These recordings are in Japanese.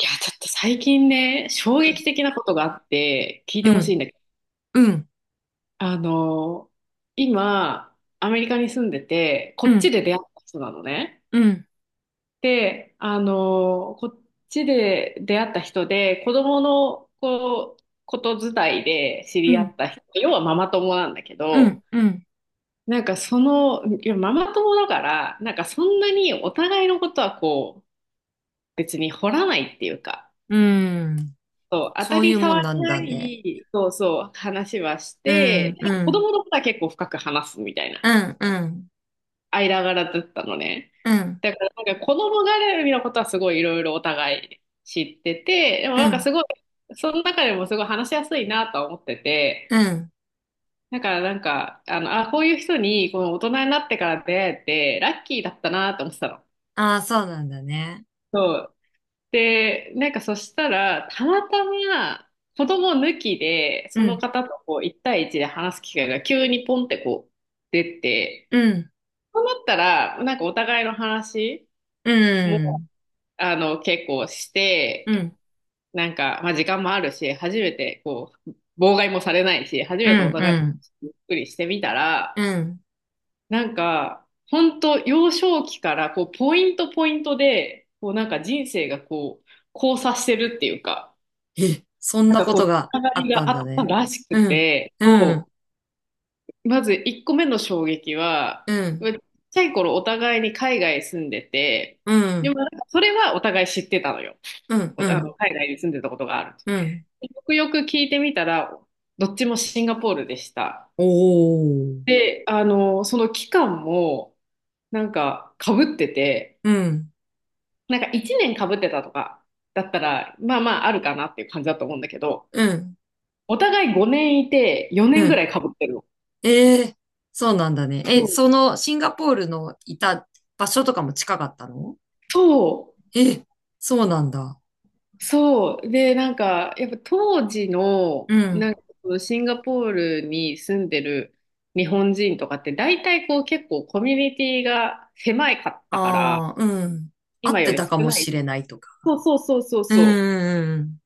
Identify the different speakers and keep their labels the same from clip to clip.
Speaker 1: いや、ちょっと最近ね、衝撃的なことがあって、聞い
Speaker 2: う
Speaker 1: て
Speaker 2: ん、
Speaker 1: ほしいんだけど、
Speaker 2: うん、うん、
Speaker 1: あの、今、アメリカに住んでて、こ
Speaker 2: う
Speaker 1: っち
Speaker 2: ん、
Speaker 1: で出会った人なのね。
Speaker 2: うん、
Speaker 1: で、こっちで出会った人で、子供のこう、こと伝いで知
Speaker 2: う
Speaker 1: り合
Speaker 2: ん、
Speaker 1: った人、要はママ友なんだけ
Speaker 2: う
Speaker 1: ど、
Speaker 2: ん、
Speaker 1: なんかその、いや、ママ友だから、なんかそんなにお互いのことはこう、別に掘らないっていうか、
Speaker 2: うん。
Speaker 1: そう、当た
Speaker 2: そうい
Speaker 1: り
Speaker 2: うもん
Speaker 1: 障
Speaker 2: な
Speaker 1: り
Speaker 2: ん
Speaker 1: な
Speaker 2: だね。
Speaker 1: い、そうそう、話はし
Speaker 2: う
Speaker 1: て、
Speaker 2: ん、う
Speaker 1: なんか子
Speaker 2: ん、
Speaker 1: 供のことは結構深く話すみたい
Speaker 2: う
Speaker 1: な、
Speaker 2: ん、うん、
Speaker 1: 間柄だったのね。
Speaker 2: うん、
Speaker 1: だから、なんか子供絡みのことはすごいいろいろお互い知ってて、でも
Speaker 2: う
Speaker 1: なんか
Speaker 2: ん、
Speaker 1: すごい、その中でもすごい話しやすいなとは思って
Speaker 2: う
Speaker 1: て、
Speaker 2: ん。
Speaker 1: だからなんか、こういう人にこの大人になってから出会えて、ラッキーだったなと思ってたの。
Speaker 2: ああ、そうなんだね。
Speaker 1: そうで、なんかそしたら、たまたま子供抜きで、
Speaker 2: う
Speaker 1: その
Speaker 2: ん、
Speaker 1: 方とこう1対一で話す機会が急にポンってこう出て、
Speaker 2: うん、
Speaker 1: そうなったら、なんかお互いの話
Speaker 2: う
Speaker 1: も、
Speaker 2: ん、
Speaker 1: 結構し
Speaker 2: う
Speaker 1: て、
Speaker 2: ん、
Speaker 1: なんか、まあ時間もあるし、初めてこう、妨害もされないし、初
Speaker 2: う
Speaker 1: め
Speaker 2: ん、
Speaker 1: てお互い
Speaker 2: う
Speaker 1: の
Speaker 2: ん、
Speaker 1: 話ゆっくりしてみたら、
Speaker 2: うん。
Speaker 1: なんか、本当幼少期からこう、ポイントポイントで、こうなんか人生がこう、交差してるっていうか、
Speaker 2: え、そん
Speaker 1: な
Speaker 2: な
Speaker 1: んか
Speaker 2: こ
Speaker 1: こ
Speaker 2: と
Speaker 1: う、
Speaker 2: が
Speaker 1: つなが
Speaker 2: あ
Speaker 1: り
Speaker 2: った
Speaker 1: が
Speaker 2: ん
Speaker 1: あっ
Speaker 2: だ
Speaker 1: た
Speaker 2: ね。
Speaker 1: らし
Speaker 2: う
Speaker 1: く
Speaker 2: ん、
Speaker 1: て、
Speaker 2: うん、
Speaker 1: そう、まず1個目の衝撃は、
Speaker 2: う
Speaker 1: ま
Speaker 2: ん、
Speaker 1: あちっちゃい頃お互いに海外住んでて、
Speaker 2: う
Speaker 1: で
Speaker 2: ん、
Speaker 1: もなんかそれはお互い知ってたのよ。
Speaker 2: うん、
Speaker 1: お
Speaker 2: う
Speaker 1: あの、
Speaker 2: ん、
Speaker 1: 海外に住んでたことがある。
Speaker 2: うん。
Speaker 1: でよくよく聞いてみたら、どっちもシンガポールでした。
Speaker 2: おお。
Speaker 1: で、その期間も、なんか、かぶってて、
Speaker 2: うん、
Speaker 1: なんか1年かぶってたとか、だったら、まあまああるかなっていう感じだと思うんだけど、
Speaker 2: うん、
Speaker 1: お互い5年いて、
Speaker 2: う
Speaker 1: 4年ぐら
Speaker 2: ん、
Speaker 1: いかぶってるの。
Speaker 2: ええ、そうなんだね。え、そのシンガポールのいた場所とかも近かったの？
Speaker 1: そう、
Speaker 2: え、そうなんだ。
Speaker 1: そう。で、なんか、やっぱ当時の、
Speaker 2: うん。
Speaker 1: なんか、シンガポールに住んでる日本人とかって、大体こう結構コミュニティが狭いかったから、
Speaker 2: ああ、うん。合
Speaker 1: 今
Speaker 2: っ
Speaker 1: よ
Speaker 2: て
Speaker 1: り
Speaker 2: た
Speaker 1: 少
Speaker 2: かも
Speaker 1: ない。
Speaker 2: しれないとか。
Speaker 1: そうそうそうそう
Speaker 2: うん、
Speaker 1: そ
Speaker 2: うん、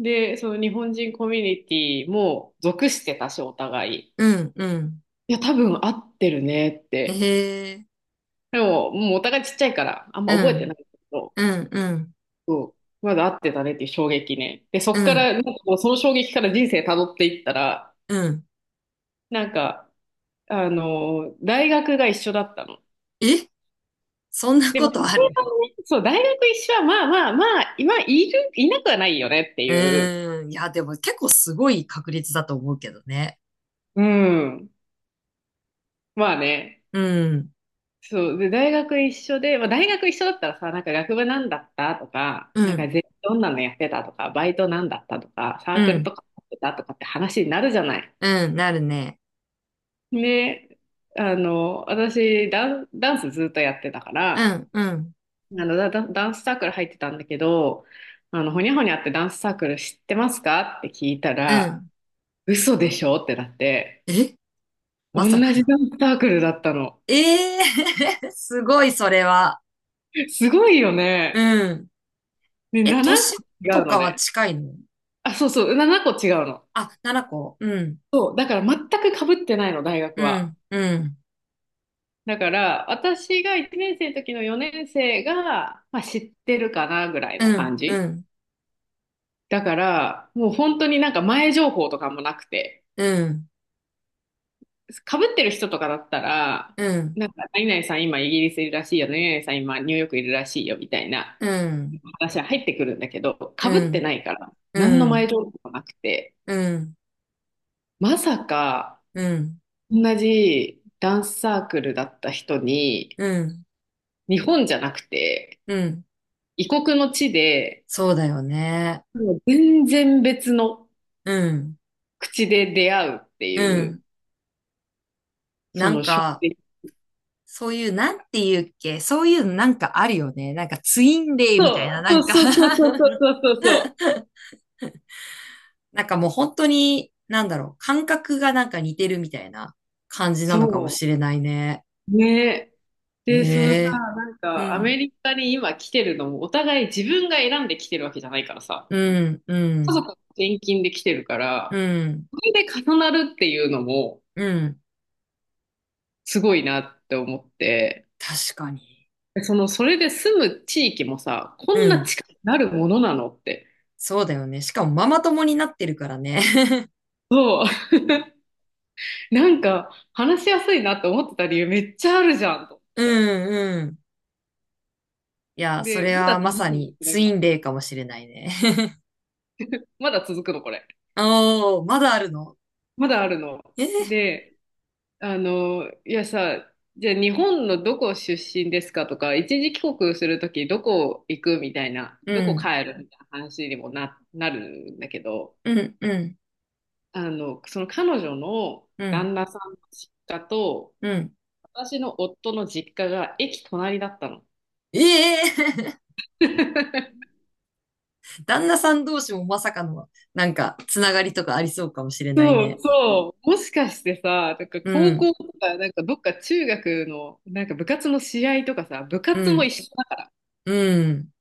Speaker 1: う。で、その日本人コミュニティも属してたし、お互い。
Speaker 2: うん、うん。
Speaker 1: いや、多分合ってるねっ
Speaker 2: え
Speaker 1: て。
Speaker 2: え、
Speaker 1: でも、もうお互いちっちゃいから、あん
Speaker 2: う
Speaker 1: ま覚えて
Speaker 2: ん、
Speaker 1: ないけど。
Speaker 2: うん、うん、
Speaker 1: そう。まだ合ってたねっていう衝撃ね。で、
Speaker 2: う
Speaker 1: そっか
Speaker 2: ん、
Speaker 1: ら、なんかもうその衝撃から人生辿っていったら、
Speaker 2: うん。
Speaker 1: なんか、大学が一緒だったの。
Speaker 2: え、そんな
Speaker 1: で
Speaker 2: こ
Speaker 1: も、
Speaker 2: とあ
Speaker 1: それ
Speaker 2: る？
Speaker 1: がねそう、大学一緒は、まあまあまあ、今、いる、いなくはないよねって い
Speaker 2: う
Speaker 1: う。
Speaker 2: ーん。いや、でも結構すごい確率だと思うけどね。
Speaker 1: うん。まあね。
Speaker 2: うん、
Speaker 1: そう。で、大学一緒で、まあ大学一緒だったらさ、なんか学部なんだったとか、
Speaker 2: う
Speaker 1: なんか
Speaker 2: ん、
Speaker 1: ぜどんなのやってたとか、バイトなんだったとか、サー
Speaker 2: う
Speaker 1: クル
Speaker 2: ん、
Speaker 1: とかやってたとかって話になるじゃない。
Speaker 2: うん、なるね。
Speaker 1: で、私ダンスずっとやってたか
Speaker 2: う
Speaker 1: ら、あ
Speaker 2: ん、うん、
Speaker 1: の、ダ、ダダンスサークル入ってたんだけど、ほにゃほにゃってダンスサークル知ってますか？って聞いた
Speaker 2: う
Speaker 1: ら、
Speaker 2: ん。
Speaker 1: 嘘でしょってなって、
Speaker 2: え、ま
Speaker 1: 同
Speaker 2: さか
Speaker 1: じ
Speaker 2: の。
Speaker 1: ダンスサークルだったの。
Speaker 2: ええー すごい、それは。
Speaker 1: すごいよね。
Speaker 2: うん。
Speaker 1: ね、
Speaker 2: え、
Speaker 1: 7
Speaker 2: 年
Speaker 1: 個違う
Speaker 2: と
Speaker 1: の
Speaker 2: かは
Speaker 1: ね。
Speaker 2: 近いの？
Speaker 1: あ、そうそう、7個違うの。
Speaker 2: あ、七個。うん、
Speaker 1: そう、だから全く被ってないの、大学
Speaker 2: う
Speaker 1: は。
Speaker 2: ん、うん、
Speaker 1: だから、私が1年生の時の4年生が、まあ、知ってるかなぐらい
Speaker 2: う
Speaker 1: の
Speaker 2: ん、
Speaker 1: 感
Speaker 2: う
Speaker 1: じ。
Speaker 2: ん、
Speaker 1: だから、もう本当になんか前情報とかもなくて、
Speaker 2: うん、
Speaker 1: 被ってる人とかだったら、
Speaker 2: うん、
Speaker 1: なんか、何々さん今イギリスいるらしいよね、何々さん今ニューヨークいるらしいよ、みたいな
Speaker 2: うん、
Speaker 1: 話は入ってくるんだけど、被
Speaker 2: う
Speaker 1: って
Speaker 2: ん、
Speaker 1: ないから、何
Speaker 2: う
Speaker 1: の前
Speaker 2: ん、
Speaker 1: 情報もなくて、
Speaker 2: うん、
Speaker 1: まさか、
Speaker 2: うん、
Speaker 1: 同じダンスサークルだった人に、
Speaker 2: うん、
Speaker 1: 日本じゃなくて、
Speaker 2: うん。
Speaker 1: 異国の地で、
Speaker 2: そうだよね。
Speaker 1: もう全然別の
Speaker 2: うん、
Speaker 1: 口で出会うって
Speaker 2: う
Speaker 1: いう、
Speaker 2: ん。な
Speaker 1: そ
Speaker 2: ん
Speaker 1: の衝
Speaker 2: か、
Speaker 1: 撃。
Speaker 2: そういう、なんていうっけ、そういうなんかあるよね。なんかツインレイみ
Speaker 1: そ
Speaker 2: た
Speaker 1: う、
Speaker 2: いな、な
Speaker 1: そう
Speaker 2: んか
Speaker 1: そうそうそう そうそうそうそう。
Speaker 2: なんかもう本当に、なんだろう、感覚がなんか似てるみたいな感じなのかも
Speaker 1: そ
Speaker 2: しれないね。
Speaker 1: う。ね。で、そのさ、
Speaker 2: ええ、
Speaker 1: なん
Speaker 2: う
Speaker 1: か、アメ
Speaker 2: ん、
Speaker 1: リカに今来てるのも、お互い自分が選んで来てるわけじゃないからさ、
Speaker 2: うん、う
Speaker 1: 家
Speaker 2: ん、
Speaker 1: 族の転勤で来てるか
Speaker 2: う
Speaker 1: ら、
Speaker 2: ん、
Speaker 1: それで重なるっていうのも、
Speaker 2: うん。
Speaker 1: すごいなって思って、
Speaker 2: 確かに。
Speaker 1: でその、それで住む地域もさ、こ
Speaker 2: う
Speaker 1: んな
Speaker 2: ん。
Speaker 1: 近くなるものなのって。
Speaker 2: そうだよね。しかもママ友になってるからね。
Speaker 1: そう。なんか、話しやすいなって思ってた理由めっちゃあるじゃん、と思っ
Speaker 2: う
Speaker 1: てさ。
Speaker 2: ん、うん。いや、そ
Speaker 1: で、
Speaker 2: れ
Speaker 1: まだ
Speaker 2: はま
Speaker 1: 続
Speaker 2: さ
Speaker 1: くの、
Speaker 2: に
Speaker 1: これ
Speaker 2: ツイ
Speaker 1: が。
Speaker 2: ンレイかもしれないね。
Speaker 1: まだ続くの、これ。
Speaker 2: おー、まだあるの？
Speaker 1: まだあるの。
Speaker 2: え
Speaker 1: で、いやさ、じゃあ日本のどこ出身ですかとか、一時帰国するときどこ行くみたいな、どこ
Speaker 2: ー、
Speaker 1: 帰るみたいな話にもな、なるんだけど、
Speaker 2: うん、うん、うん、
Speaker 1: その彼女の
Speaker 2: うん、
Speaker 1: 旦那さんの実家と、
Speaker 2: うん。
Speaker 1: 私の夫の実家が駅隣だったの。
Speaker 2: ええ 旦那さん同士もまさかの、なんか、つながりとかありそうかもしれない
Speaker 1: そう
Speaker 2: ね。
Speaker 1: そう。もしかしてさ、なんか
Speaker 2: う
Speaker 1: 高
Speaker 2: ん、
Speaker 1: 校とか、なんかどっか中学の、なんか部活の試合とかさ、部
Speaker 2: う
Speaker 1: 活も
Speaker 2: ん、
Speaker 1: 一緒だ
Speaker 2: うん、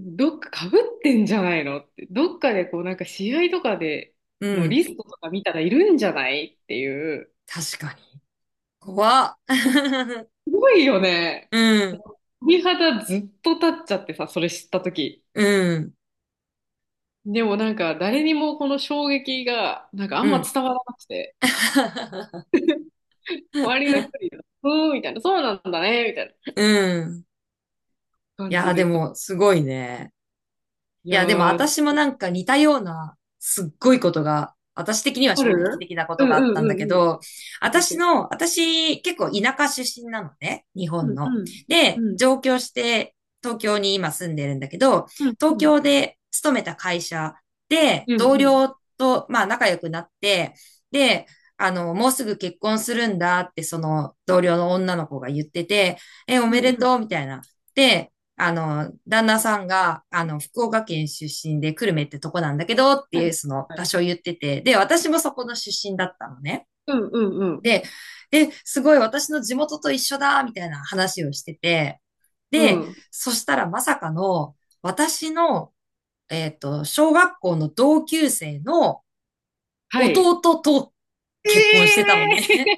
Speaker 1: どっか被ってんじゃないのって、どっかでこうなんか試合とかで
Speaker 2: う
Speaker 1: の
Speaker 2: ん。
Speaker 1: リストとか見たらいるんじゃないっていう。
Speaker 2: 確かに。怖っ。
Speaker 1: すごいよね。
Speaker 2: うん、
Speaker 1: 鳥肌ずっと立っちゃってさ、それ知った時
Speaker 2: うん、
Speaker 1: でもなんか誰にもこの衝撃がなんかあ
Speaker 2: う
Speaker 1: んま
Speaker 2: ん。
Speaker 1: 伝わらなくて、周りの人に、うーんみたいな、そうなんだね、みたいな
Speaker 2: うん。い
Speaker 1: 感
Speaker 2: や
Speaker 1: じ
Speaker 2: ー、で
Speaker 1: でさ。
Speaker 2: も、すごいね。
Speaker 1: い
Speaker 2: い
Speaker 1: や
Speaker 2: や、でも
Speaker 1: ー、
Speaker 2: 私もなんか似たような、すっごいことが、私的には
Speaker 1: あ
Speaker 2: 衝撃
Speaker 1: る
Speaker 2: 的なこ
Speaker 1: う
Speaker 2: と
Speaker 1: ん
Speaker 2: があ
Speaker 1: う
Speaker 2: ったん
Speaker 1: んう
Speaker 2: だけ
Speaker 1: んうん。
Speaker 2: ど、
Speaker 1: 教え
Speaker 2: 私
Speaker 1: て。
Speaker 2: の、私結構田舎出身なのね、日
Speaker 1: う
Speaker 2: 本
Speaker 1: ん
Speaker 2: の。
Speaker 1: うん。
Speaker 2: で、
Speaker 1: うん
Speaker 2: 上京して東京に今住んでるんだけど、
Speaker 1: うんう
Speaker 2: 東
Speaker 1: ん。
Speaker 2: 京で勤めた会社で
Speaker 1: う
Speaker 2: 同
Speaker 1: んうん。
Speaker 2: 僚と、まあ仲良くなって、で、もうすぐ結婚するんだって、その同僚の女の子が言ってて、え、お
Speaker 1: う
Speaker 2: めで
Speaker 1: んう
Speaker 2: とう
Speaker 1: ん。
Speaker 2: みたいな。で、旦那さんが、福岡県出身で、久留米ってとこなんだけど、って
Speaker 1: はい
Speaker 2: いう、その
Speaker 1: はい
Speaker 2: 場所を言ってて、で、私もそこの出身だったのね。
Speaker 1: うんうんうん
Speaker 2: で、で、すごい私の地元と一緒だ、みたいな話をしてて、
Speaker 1: う
Speaker 2: で、
Speaker 1: ん。
Speaker 2: そしたらまさかの、私の、小学校の同級生の
Speaker 1: はい。
Speaker 2: 弟と
Speaker 1: え
Speaker 2: 結婚してたの
Speaker 1: え
Speaker 2: ね。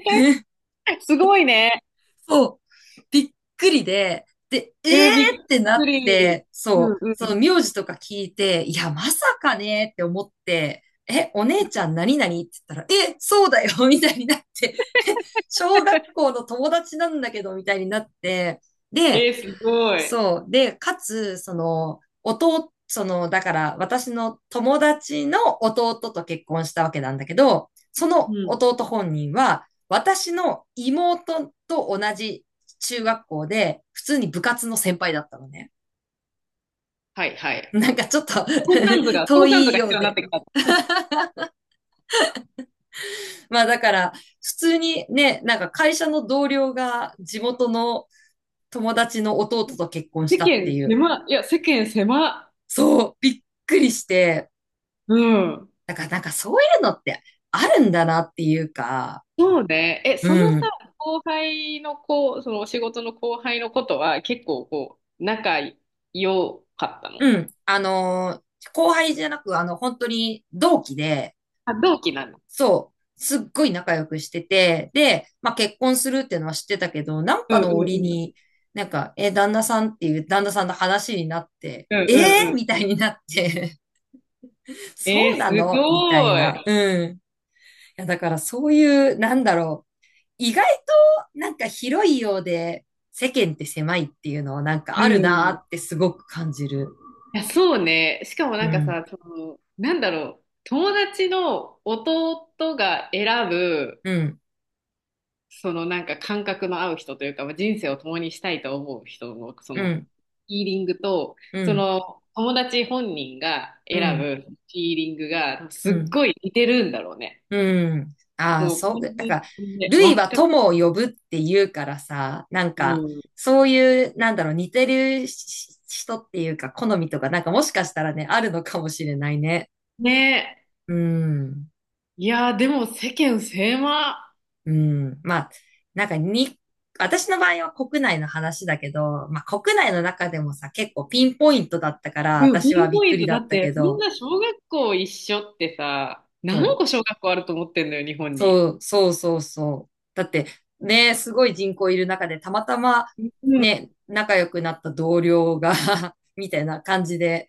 Speaker 1: ー すごいね。
Speaker 2: そう。びっくりで、えー
Speaker 1: えー、びっ
Speaker 2: ってな
Speaker 1: く
Speaker 2: っ
Speaker 1: り。
Speaker 2: て、
Speaker 1: う
Speaker 2: そ
Speaker 1: ん
Speaker 2: う、
Speaker 1: う
Speaker 2: そ
Speaker 1: ん。
Speaker 2: の名字とか聞いて、いや、まさかねって思って、え、お姉ちゃん何々って言ったら、え、そうだよ みたいになって、小学校の友達なんだけど、みたいになって、で、
Speaker 1: えー、すごい。
Speaker 2: そう。で、かつ、その、弟、その、だから私の友達の弟と結婚したわけなんだけど、そ
Speaker 1: う
Speaker 2: の
Speaker 1: ん。
Speaker 2: 弟本人は、私の妹と同じ中学校で、普通に部活の先輩だったのね。
Speaker 1: はいは い。
Speaker 2: なんかちょっと
Speaker 1: 相関図 が、
Speaker 2: 遠
Speaker 1: 相関図
Speaker 2: い
Speaker 1: が
Speaker 2: よ
Speaker 1: 必
Speaker 2: う
Speaker 1: 要になっ
Speaker 2: で。
Speaker 1: てきた。
Speaker 2: まあだから、普通にね、なんか会社の同僚が地元の友達の弟と結婚
Speaker 1: 世
Speaker 2: したっ
Speaker 1: 間
Speaker 2: ていう。
Speaker 1: 狭、いや、世間狭。
Speaker 2: そう、びっくりして、
Speaker 1: うん。
Speaker 2: だからなんかそういうのってあるんだなっていうか、
Speaker 1: そうね。え、その
Speaker 2: う
Speaker 1: さ、
Speaker 2: ん。
Speaker 1: 後輩の子、そのお仕事の後輩のことは結構こう、仲良かったの
Speaker 2: うん。後輩じゃなく、本当に同期で、
Speaker 1: あ、同期なの。
Speaker 2: そう、すっごい仲良くしてて、で、まあ結婚するっていうのは知ってたけど、なん
Speaker 1: う
Speaker 2: か
Speaker 1: んう
Speaker 2: の折
Speaker 1: んう
Speaker 2: に、
Speaker 1: ん。
Speaker 2: なんか、え、旦那さんっていう旦那さんの話になって、
Speaker 1: うん
Speaker 2: え
Speaker 1: うん
Speaker 2: ー、
Speaker 1: うん。
Speaker 2: みたいになって、
Speaker 1: え
Speaker 2: そ
Speaker 1: ー、
Speaker 2: う
Speaker 1: す
Speaker 2: なのみたい
Speaker 1: ごい。
Speaker 2: な。うん。いや、だからそういう、なんだろう。意外となんか広いようで世間って狭いっていうのはなんか
Speaker 1: う
Speaker 2: あるなー
Speaker 1: ん。
Speaker 2: ってすごく感じる。
Speaker 1: いや、そうね。しかも
Speaker 2: う
Speaker 1: なんか
Speaker 2: ん、
Speaker 1: さ、その、なんだろう。友達の弟が選ぶ、
Speaker 2: うん、
Speaker 1: そのなんか感覚の合う人というか、まあ、人生を共にしたいと思う人の、そ
Speaker 2: う
Speaker 1: の、
Speaker 2: ん、
Speaker 1: ヒーリングと、
Speaker 2: う
Speaker 1: そ
Speaker 2: ん、
Speaker 1: の、友達本人が
Speaker 2: う
Speaker 1: 選
Speaker 2: ん、
Speaker 1: ぶヒーリングが、
Speaker 2: う
Speaker 1: すっ
Speaker 2: ん、
Speaker 1: ごい似てるんだろうね。
Speaker 2: うん。ああ、
Speaker 1: もう、完
Speaker 2: そう、なん
Speaker 1: 全
Speaker 2: か、
Speaker 1: にね、
Speaker 2: 類
Speaker 1: わ
Speaker 2: は
Speaker 1: かる。
Speaker 2: 友を呼ぶって言うからさ、なん
Speaker 1: う
Speaker 2: か、
Speaker 1: ん。
Speaker 2: そういう、なんだろう、似てるし人っていうか、好みとか、なんかもしかしたらね、あるのかもしれないね。
Speaker 1: ねえ。
Speaker 2: うん。
Speaker 1: いやー、でも世間狭。
Speaker 2: うん。まあ、なんかに、私の場合は国内の話だけど、まあ国内の中でもさ、結構ピンポイントだったから、
Speaker 1: でも、
Speaker 2: 私は
Speaker 1: ビー
Speaker 2: び
Speaker 1: ボ
Speaker 2: っ
Speaker 1: ー
Speaker 2: く
Speaker 1: イ
Speaker 2: り
Speaker 1: ズ
Speaker 2: だ
Speaker 1: だ
Speaker 2: っ
Speaker 1: っ
Speaker 2: た
Speaker 1: て、
Speaker 2: け
Speaker 1: そん
Speaker 2: ど、
Speaker 1: な小学校一緒ってさ、
Speaker 2: そ
Speaker 1: 何
Speaker 2: う、
Speaker 1: 個小学校あると思ってんのよ、日本に。
Speaker 2: そう、そう、そうそう。だって、ね、すごい人口いる中で、たまたま、
Speaker 1: うん。い
Speaker 2: ね、仲良くなった同僚が みたいな感じで、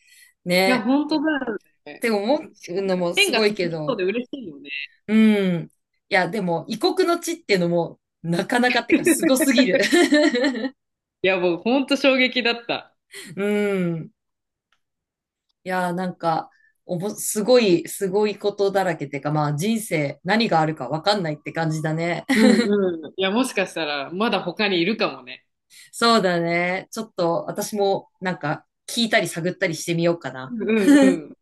Speaker 1: や、
Speaker 2: ね、
Speaker 1: 本当だよ
Speaker 2: っ
Speaker 1: ね。
Speaker 2: て思
Speaker 1: し
Speaker 2: う
Speaker 1: かも、
Speaker 2: のも
Speaker 1: 縁
Speaker 2: すご
Speaker 1: が
Speaker 2: い
Speaker 1: 続
Speaker 2: け
Speaker 1: きそう
Speaker 2: ど、
Speaker 1: で嬉しいよね。
Speaker 2: うん。いや、でも、異国の地っていうのも、なかなかってか、すご すぎる。
Speaker 1: いや、僕、本当衝撃だった。
Speaker 2: うん。いやーなんか、すごい、すごいことだらけってか、まあ人生何があるかわかんないって感じだね。
Speaker 1: う んうん。いや、もしかしたら、まだ他にいるかもね。
Speaker 2: そうだね。ちょっと私もなんか聞いたり探ったりしてみようか
Speaker 1: う
Speaker 2: な。
Speaker 1: んうんうん。